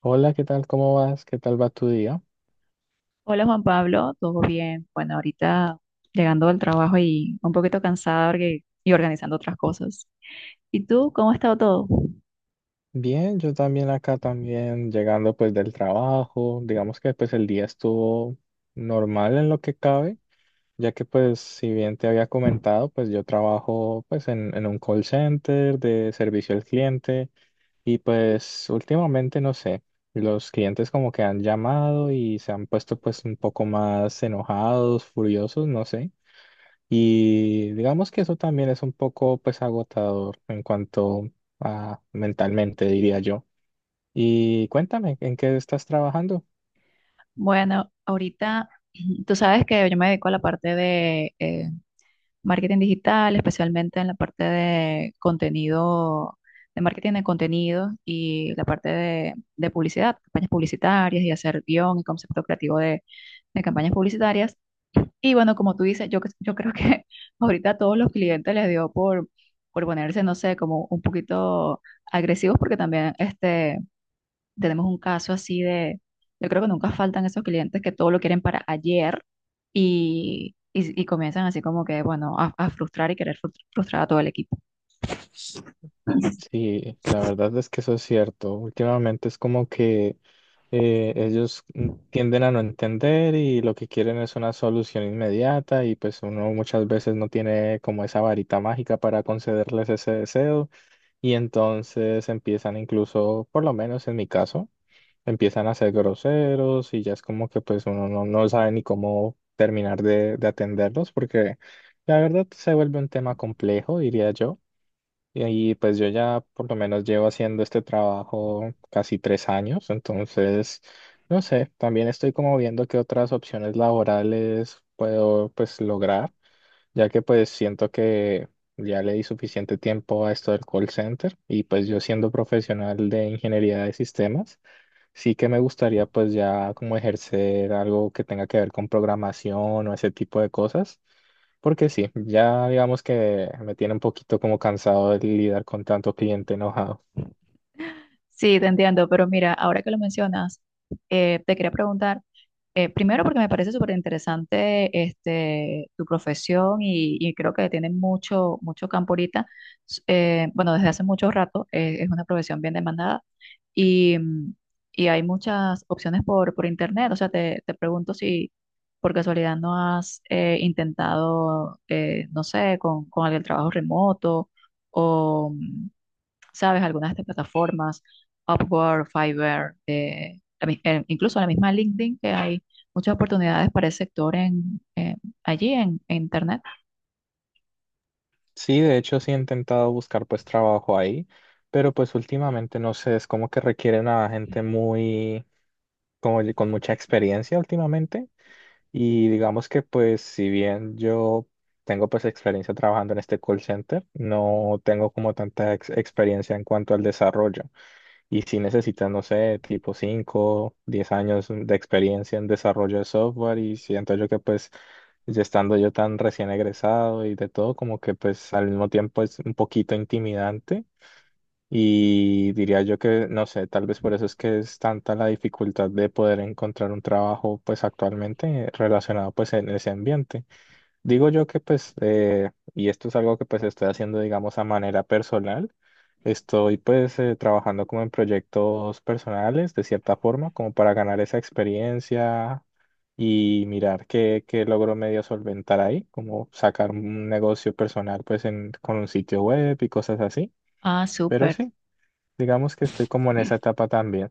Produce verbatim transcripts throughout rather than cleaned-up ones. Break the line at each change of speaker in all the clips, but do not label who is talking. Hola, ¿qué tal? ¿Cómo vas? ¿Qué tal va tu día?
Hola Juan Pablo, ¿todo bien? Bueno, ahorita llegando al trabajo y un poquito cansada porque- y organizando otras cosas. ¿Y tú, cómo ha estado todo?
Bien, yo también acá también llegando pues del trabajo. Digamos que pues el día estuvo normal en lo que cabe, ya que pues si bien te había comentado, pues yo trabajo pues en, en un call center de servicio al cliente y pues últimamente no sé, los clientes como que han llamado y se han puesto pues un poco más enojados, furiosos, no sé. Y digamos que eso también es un poco pues agotador en cuanto a mentalmente, diría yo. Y cuéntame, ¿en qué estás trabajando?
Bueno, ahorita tú sabes que yo me dedico a la parte de eh, marketing digital, especialmente en la parte de contenido, de marketing de contenido y la parte de, de publicidad, campañas publicitarias y hacer guión y concepto creativo de de campañas publicitarias. Y bueno, como tú dices, yo, cre- yo creo que ahorita a todos los clientes les dio por, por ponerse, no sé, como un poquito agresivos, porque también este, tenemos un caso así de, yo creo que nunca faltan esos clientes que todo lo quieren para ayer y, y, y comienzan así como que, bueno, a, a frustrar y querer frus- frustrar a todo el equipo.
Sí, la verdad es que eso es cierto. Últimamente es como que eh, ellos mm, tienden a no entender y lo que quieren es una solución inmediata y pues uno muchas veces no tiene como esa varita mágica para concederles ese deseo y entonces empiezan incluso, por lo menos en mi caso, empiezan a ser groseros y ya es como que pues uno no, no sabe ni cómo terminar de, de atenderlos porque la verdad se vuelve un tema complejo, diría yo. Y, ahí, pues yo ya por lo menos llevo haciendo este trabajo casi tres años, entonces, no sé, también estoy como viendo qué otras opciones laborales puedo pues lograr ya que pues siento que ya le di suficiente tiempo a esto del call center y pues yo siendo profesional de ingeniería de sistemas, sí que me gustaría pues ya como ejercer algo que tenga que ver con programación o ese tipo de cosas, porque sí, ya digamos que me tiene un poquito como cansado de lidiar con tanto cliente enojado.
Sí, te entiendo, pero mira, ahora que lo mencionas, eh, te quería preguntar, eh, primero porque me parece súper interesante este, tu profesión y, y creo que tiene mucho, mucho campo ahorita, S- eh, bueno, desde hace mucho rato, eh, es una profesión bien demandada y, mm, y hay muchas opciones por, por internet, o sea, te, te pregunto si por casualidad no has eh, intentado, eh, no sé, con, con el trabajo remoto. ¿Sabes? Algunas de estas plataformas, Upwork, Fiverr, eh, la mi- eh, incluso la misma LinkedIn, que hay muchas oportunidades para el sector en, eh, allí en, en Internet.
Sí, de hecho sí he intentado buscar pues trabajo ahí, pero pues últimamente no sé, es como que requieren a gente muy, como con mucha experiencia últimamente. Y digamos que pues si bien yo tengo pues experiencia trabajando en este call center, no tengo como tanta ex- experiencia en cuanto al desarrollo. Y si necesitas, no sé, tipo cinco diez años de experiencia en desarrollo de software y siento yo que pues ya estando yo tan recién egresado y de todo, como que pues al mismo tiempo es un poquito intimidante y diría yo que, no sé, tal vez por eso es que es tanta la dificultad de poder encontrar un trabajo pues actualmente relacionado pues en ese ambiente. Digo yo que pues, eh, y esto es algo que pues estoy haciendo digamos a manera personal, estoy pues eh, trabajando como en proyectos personales de cierta forma como para ganar esa experiencia y mirar qué, qué logro medio solventar ahí, como sacar un negocio personal pues en, con un sitio web y cosas así.
Ah,
Pero
súper.
sí, digamos que estoy como en esa etapa también.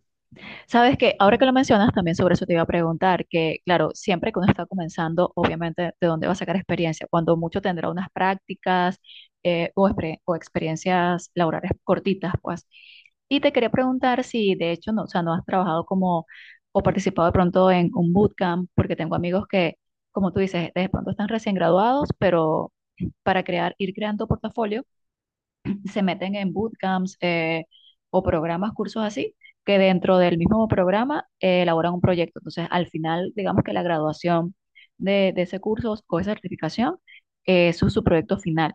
Sabes que ahora que lo mencionas, también sobre eso te iba a preguntar, que claro, siempre que uno está comenzando, obviamente, ¿de dónde va a sacar experiencia? Cuando mucho tendrá unas prácticas eh, o, expre- o experiencias laborales cortitas, pues. Y te quería preguntar si de hecho, no, o sea, no has trabajado como o participado de pronto en un bootcamp, porque tengo amigos que, como tú dices, de pronto están recién graduados, pero para crear, ir creando portafolio se meten en bootcamps eh, o programas, cursos así, que dentro del mismo programa eh, elaboran un proyecto. Entonces, al final, digamos que la graduación de, de ese curso o esa certificación, eh, eso es su proyecto final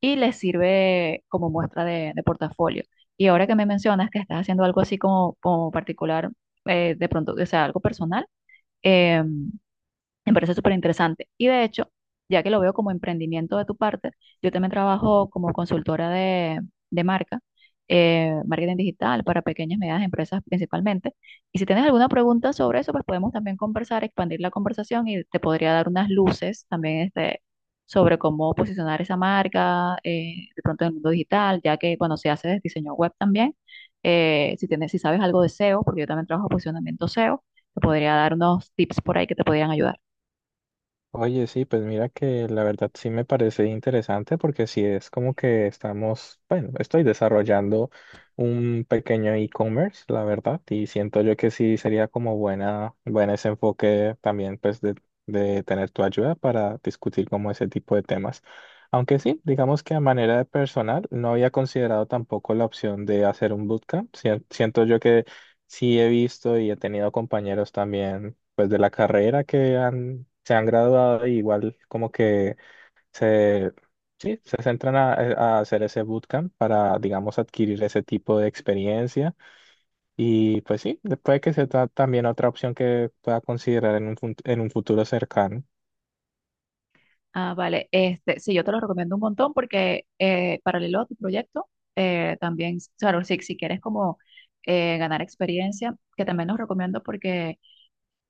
y les sirve como muestra de, de portafolio. Y ahora que me mencionas que estás haciendo algo así como, como particular, eh, de pronto, o sea, algo personal, em, me parece súper interesante. Y de hecho, ya que lo veo como emprendimiento de tu parte, yo también trabajo como consultora de, de marca, eh, marketing digital para pequeñas y medianas empresas principalmente. Y si tienes alguna pregunta sobre eso, pues podemos también conversar, expandir la conversación y te podría dar unas luces también este, sobre cómo posicionar esa marca eh, de pronto en el mundo digital, ya que cuando se hace diseño web también, eh, si tienes, si sabes algo de S E O, porque yo también trabajo posicionamiento S E O, te podría dar unos tips por ahí que te podrían ayudar.
Oye, sí, pues mira que la verdad sí me parece interesante porque sí es como que estamos, bueno, estoy desarrollando un pequeño e-commerce, la verdad, y siento yo que sí sería como buena, buen ese enfoque también pues de, de tener tu ayuda para discutir como ese tipo de temas. Aunque sí, digamos que a manera de personal no había considerado tampoco la opción de hacer un bootcamp. Sien- Siento yo que sí he visto y he tenido compañeros también pues de la carrera que han, se han graduado, y igual como que se, sí, se centran a, a hacer ese bootcamp para, digamos, adquirir ese tipo de experiencia. Y pues sí, puede que sea ta- también otra opción que pueda considerar en un, fut- en un futuro cercano.
Ah, vale. Este, sí, yo te lo recomiendo un montón porque eh, paralelo a tu proyecto, eh, también, claro, si, si quieres como eh, ganar experiencia, que también los recomiendo porque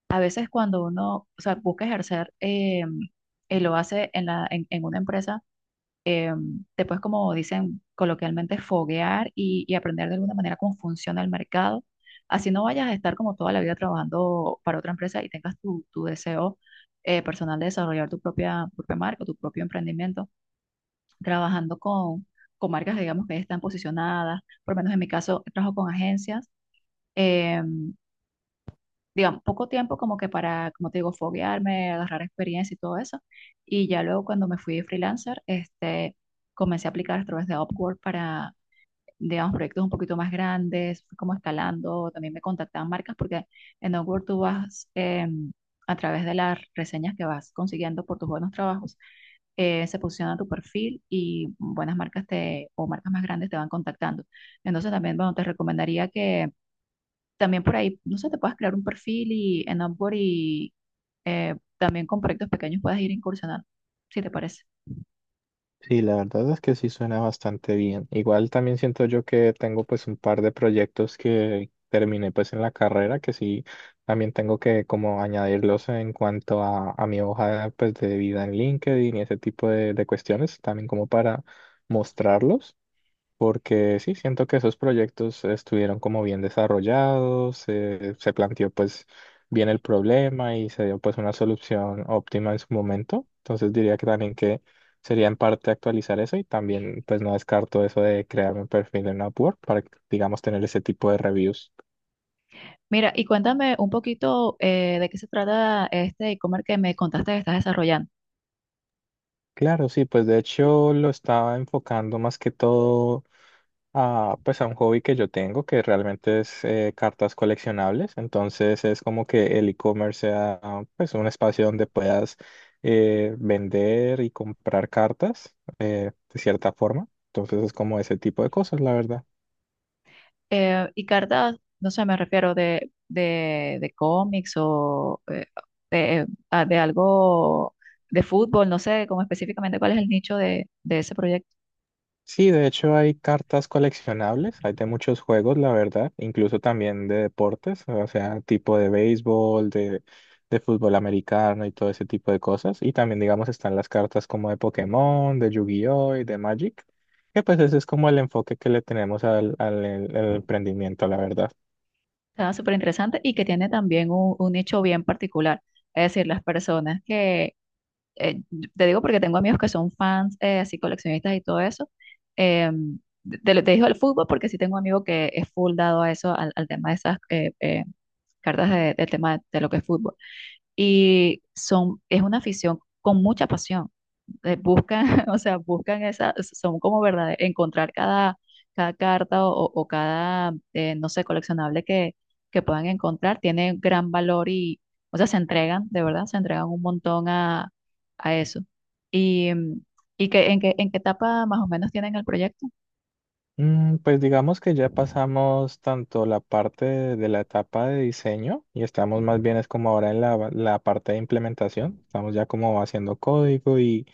a veces cuando uno, o sea, busca ejercer eh, y lo hace en la, en, en una empresa, eh, te puedes, como dicen coloquialmente, foguear y, y aprender de alguna manera cómo funciona el mercado. Así no vayas a estar como toda la vida trabajando para otra empresa y tengas tu, tu deseo eh, personal de desarrollar tu propia, tu propia marca, tu propio emprendimiento, trabajando con, con marcas, digamos, que ya están posicionadas. Por lo menos en mi caso, trabajo con agencias. em, digamos, poco tiempo como que para, como te digo, foguearme, agarrar experiencia y todo eso. Y ya luego cuando me fui freelancer, este, comencé a aplicar a través de Upwork para, digamos, proyectos un poquito más grandes, fui como escalando, también me contactaban marcas porque en Upwork tú vas eh, a través de las reseñas que vas consiguiendo por tus buenos trabajos. Eh, se posiciona tu perfil y buenas marcas te, o marcas más grandes te van contactando. Entonces también, bueno, te recomendaría que, también por ahí, no sé, te puedes crear un perfil y en Upwork y eh, también con proyectos pequeños puedes ir incursionando, si te parece.
Sí, la verdad es que sí suena bastante bien. Igual también siento yo que tengo pues un par de proyectos que terminé pues en la carrera que sí también tengo que como añadirlos en cuanto a, a mi hoja pues de vida en LinkedIn y ese tipo de, de cuestiones también como para mostrarlos porque sí, siento que esos proyectos estuvieron como bien desarrollados, eh, se planteó pues bien el problema y se dio pues una solución óptima en su momento. Entonces diría que también que sería en parte actualizar eso y también pues no descarto eso de crearme un perfil en Upwork para, digamos, tener ese tipo de reviews.
Mira, y cuéntame un poquito eh, de qué se trata este e-commerce que me contaste que estás desarrollando.
Claro, sí, pues de hecho lo estaba enfocando más que todo, a, pues a un hobby que yo tengo que realmente es eh, cartas coleccionables. Entonces es como que el e-commerce sea ah, pues un espacio donde puedas eh, vender y comprar cartas eh, de cierta forma. Entonces es como ese tipo de cosas, la verdad.
Eh, y cartas, no sé, me refiero de, de, de cómics o eh, de, ah, de algo de fútbol, no sé como específicamente cuál es el nicho de, de ese proyecto.
Sí, de hecho hay cartas coleccionables, hay de muchos juegos, la verdad, incluso también de deportes, o sea, tipo de béisbol, de, de fútbol americano y todo ese tipo de cosas. Y también, digamos, están las cartas como de Pokémon, de Yu-Gi-Oh y de Magic, que pues ese es como el enfoque que le tenemos al, al, al emprendimiento, la verdad.
Está súper interesante y que tiene también un, un nicho bien particular. Es decir, las personas que eh, te digo porque tengo amigos que son fans, eh, así coleccionistas y todo eso. Eh, te, te digo el fútbol porque sí tengo un amigo que es full dado a eso, al, al tema de esas eh, eh, cartas de- del tema de, de lo que es fútbol. Y son, es una afición con mucha pasión eh, buscan, o sea, buscan esa, son como verdad, encontrar cada, cada carta o, o o cada, eh, no sé, coleccionable que, que puedan encontrar, tiene gran valor y, o sea, se entregan, de verdad, se entregan un montón a, a eso. Y, mm, y que, en qué, en qué etapa más o menos tienen el proyecto.
Mm, Pues digamos que ya pasamos tanto la parte de, de la etapa de diseño y estamos más bien es como ahora en la, la parte de implementación. Estamos ya como haciendo código y,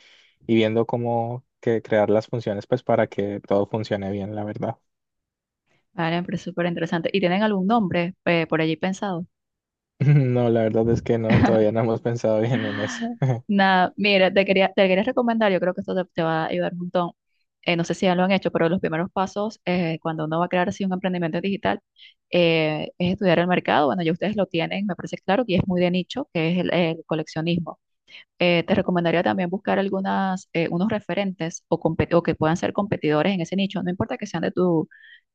y viendo cómo que crear las funciones pues para que todo funcione bien, la verdad.
Vale, me parece súper interesante. ¿Y tienen algún nombre eh, por allí pensado?
No, la verdad es que no, todavía no hemos pensado bien en eso.
Nada, mira, te quería, te quería recomendar, yo creo que esto te, te va a ayudar un montón. Eh, no sé si ya lo han hecho, pero los primeros pasos eh, cuando uno va a crear así un emprendimiento digital eh, es estudiar el mercado. Bueno, ya ustedes lo tienen, me parece claro, y es muy de nicho, que es el, el coleccionismo. Eh, te recomendaría también buscar algunas, eh, unos referentes o, compe- o que puedan ser competidores en ese nicho, no importa que sean de tu,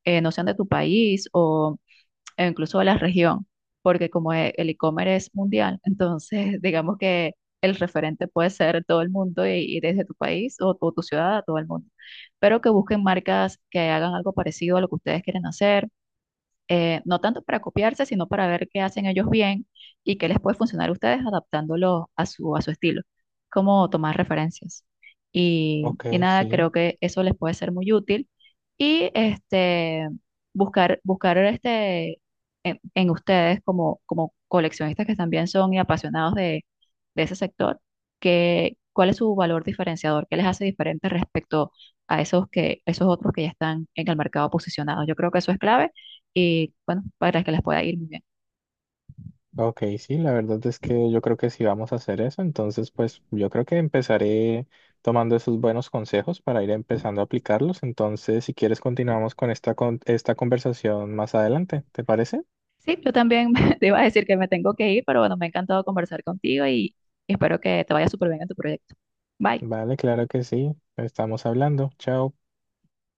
eh, no sean de tu país o e incluso de la región, porque como e- el e-commerce es mundial, entonces digamos que el referente puede ser todo el mundo y, y desde tu país o tu, tu ciudad a todo el mundo, pero que busquen marcas que hagan algo parecido a lo que ustedes quieren hacer eh, no tanto para copiarse, sino para ver qué hacen ellos bien y qué les puede funcionar a ustedes adaptándolo a su, a su estilo, como tomar referencias. Y,
Ok,
y nada,
sí.
creo que eso les puede ser muy útil. Y este, buscar, buscar este, en, en ustedes como, como coleccionistas que también son y apasionados de, de ese sector, que, cuál es su valor diferenciador, qué les hace diferente respecto a esos, que, esos otros que ya están en el mercado posicionados. Yo creo que eso es clave y bueno, para que les pueda ir muy bien.
Ok, sí, la verdad es que yo creo que sí vamos a hacer eso, entonces pues yo creo que empezaré tomando esos buenos consejos para ir empezando a aplicarlos, entonces si quieres continuamos con esta, con esta conversación más adelante, ¿te parece?
Sí, yo también te iba a decir que me tengo que ir, pero bueno, me ha encantado conversar contigo y espero que te vaya súper bien en tu proyecto. Bye.
Vale, claro que sí, estamos hablando, chao.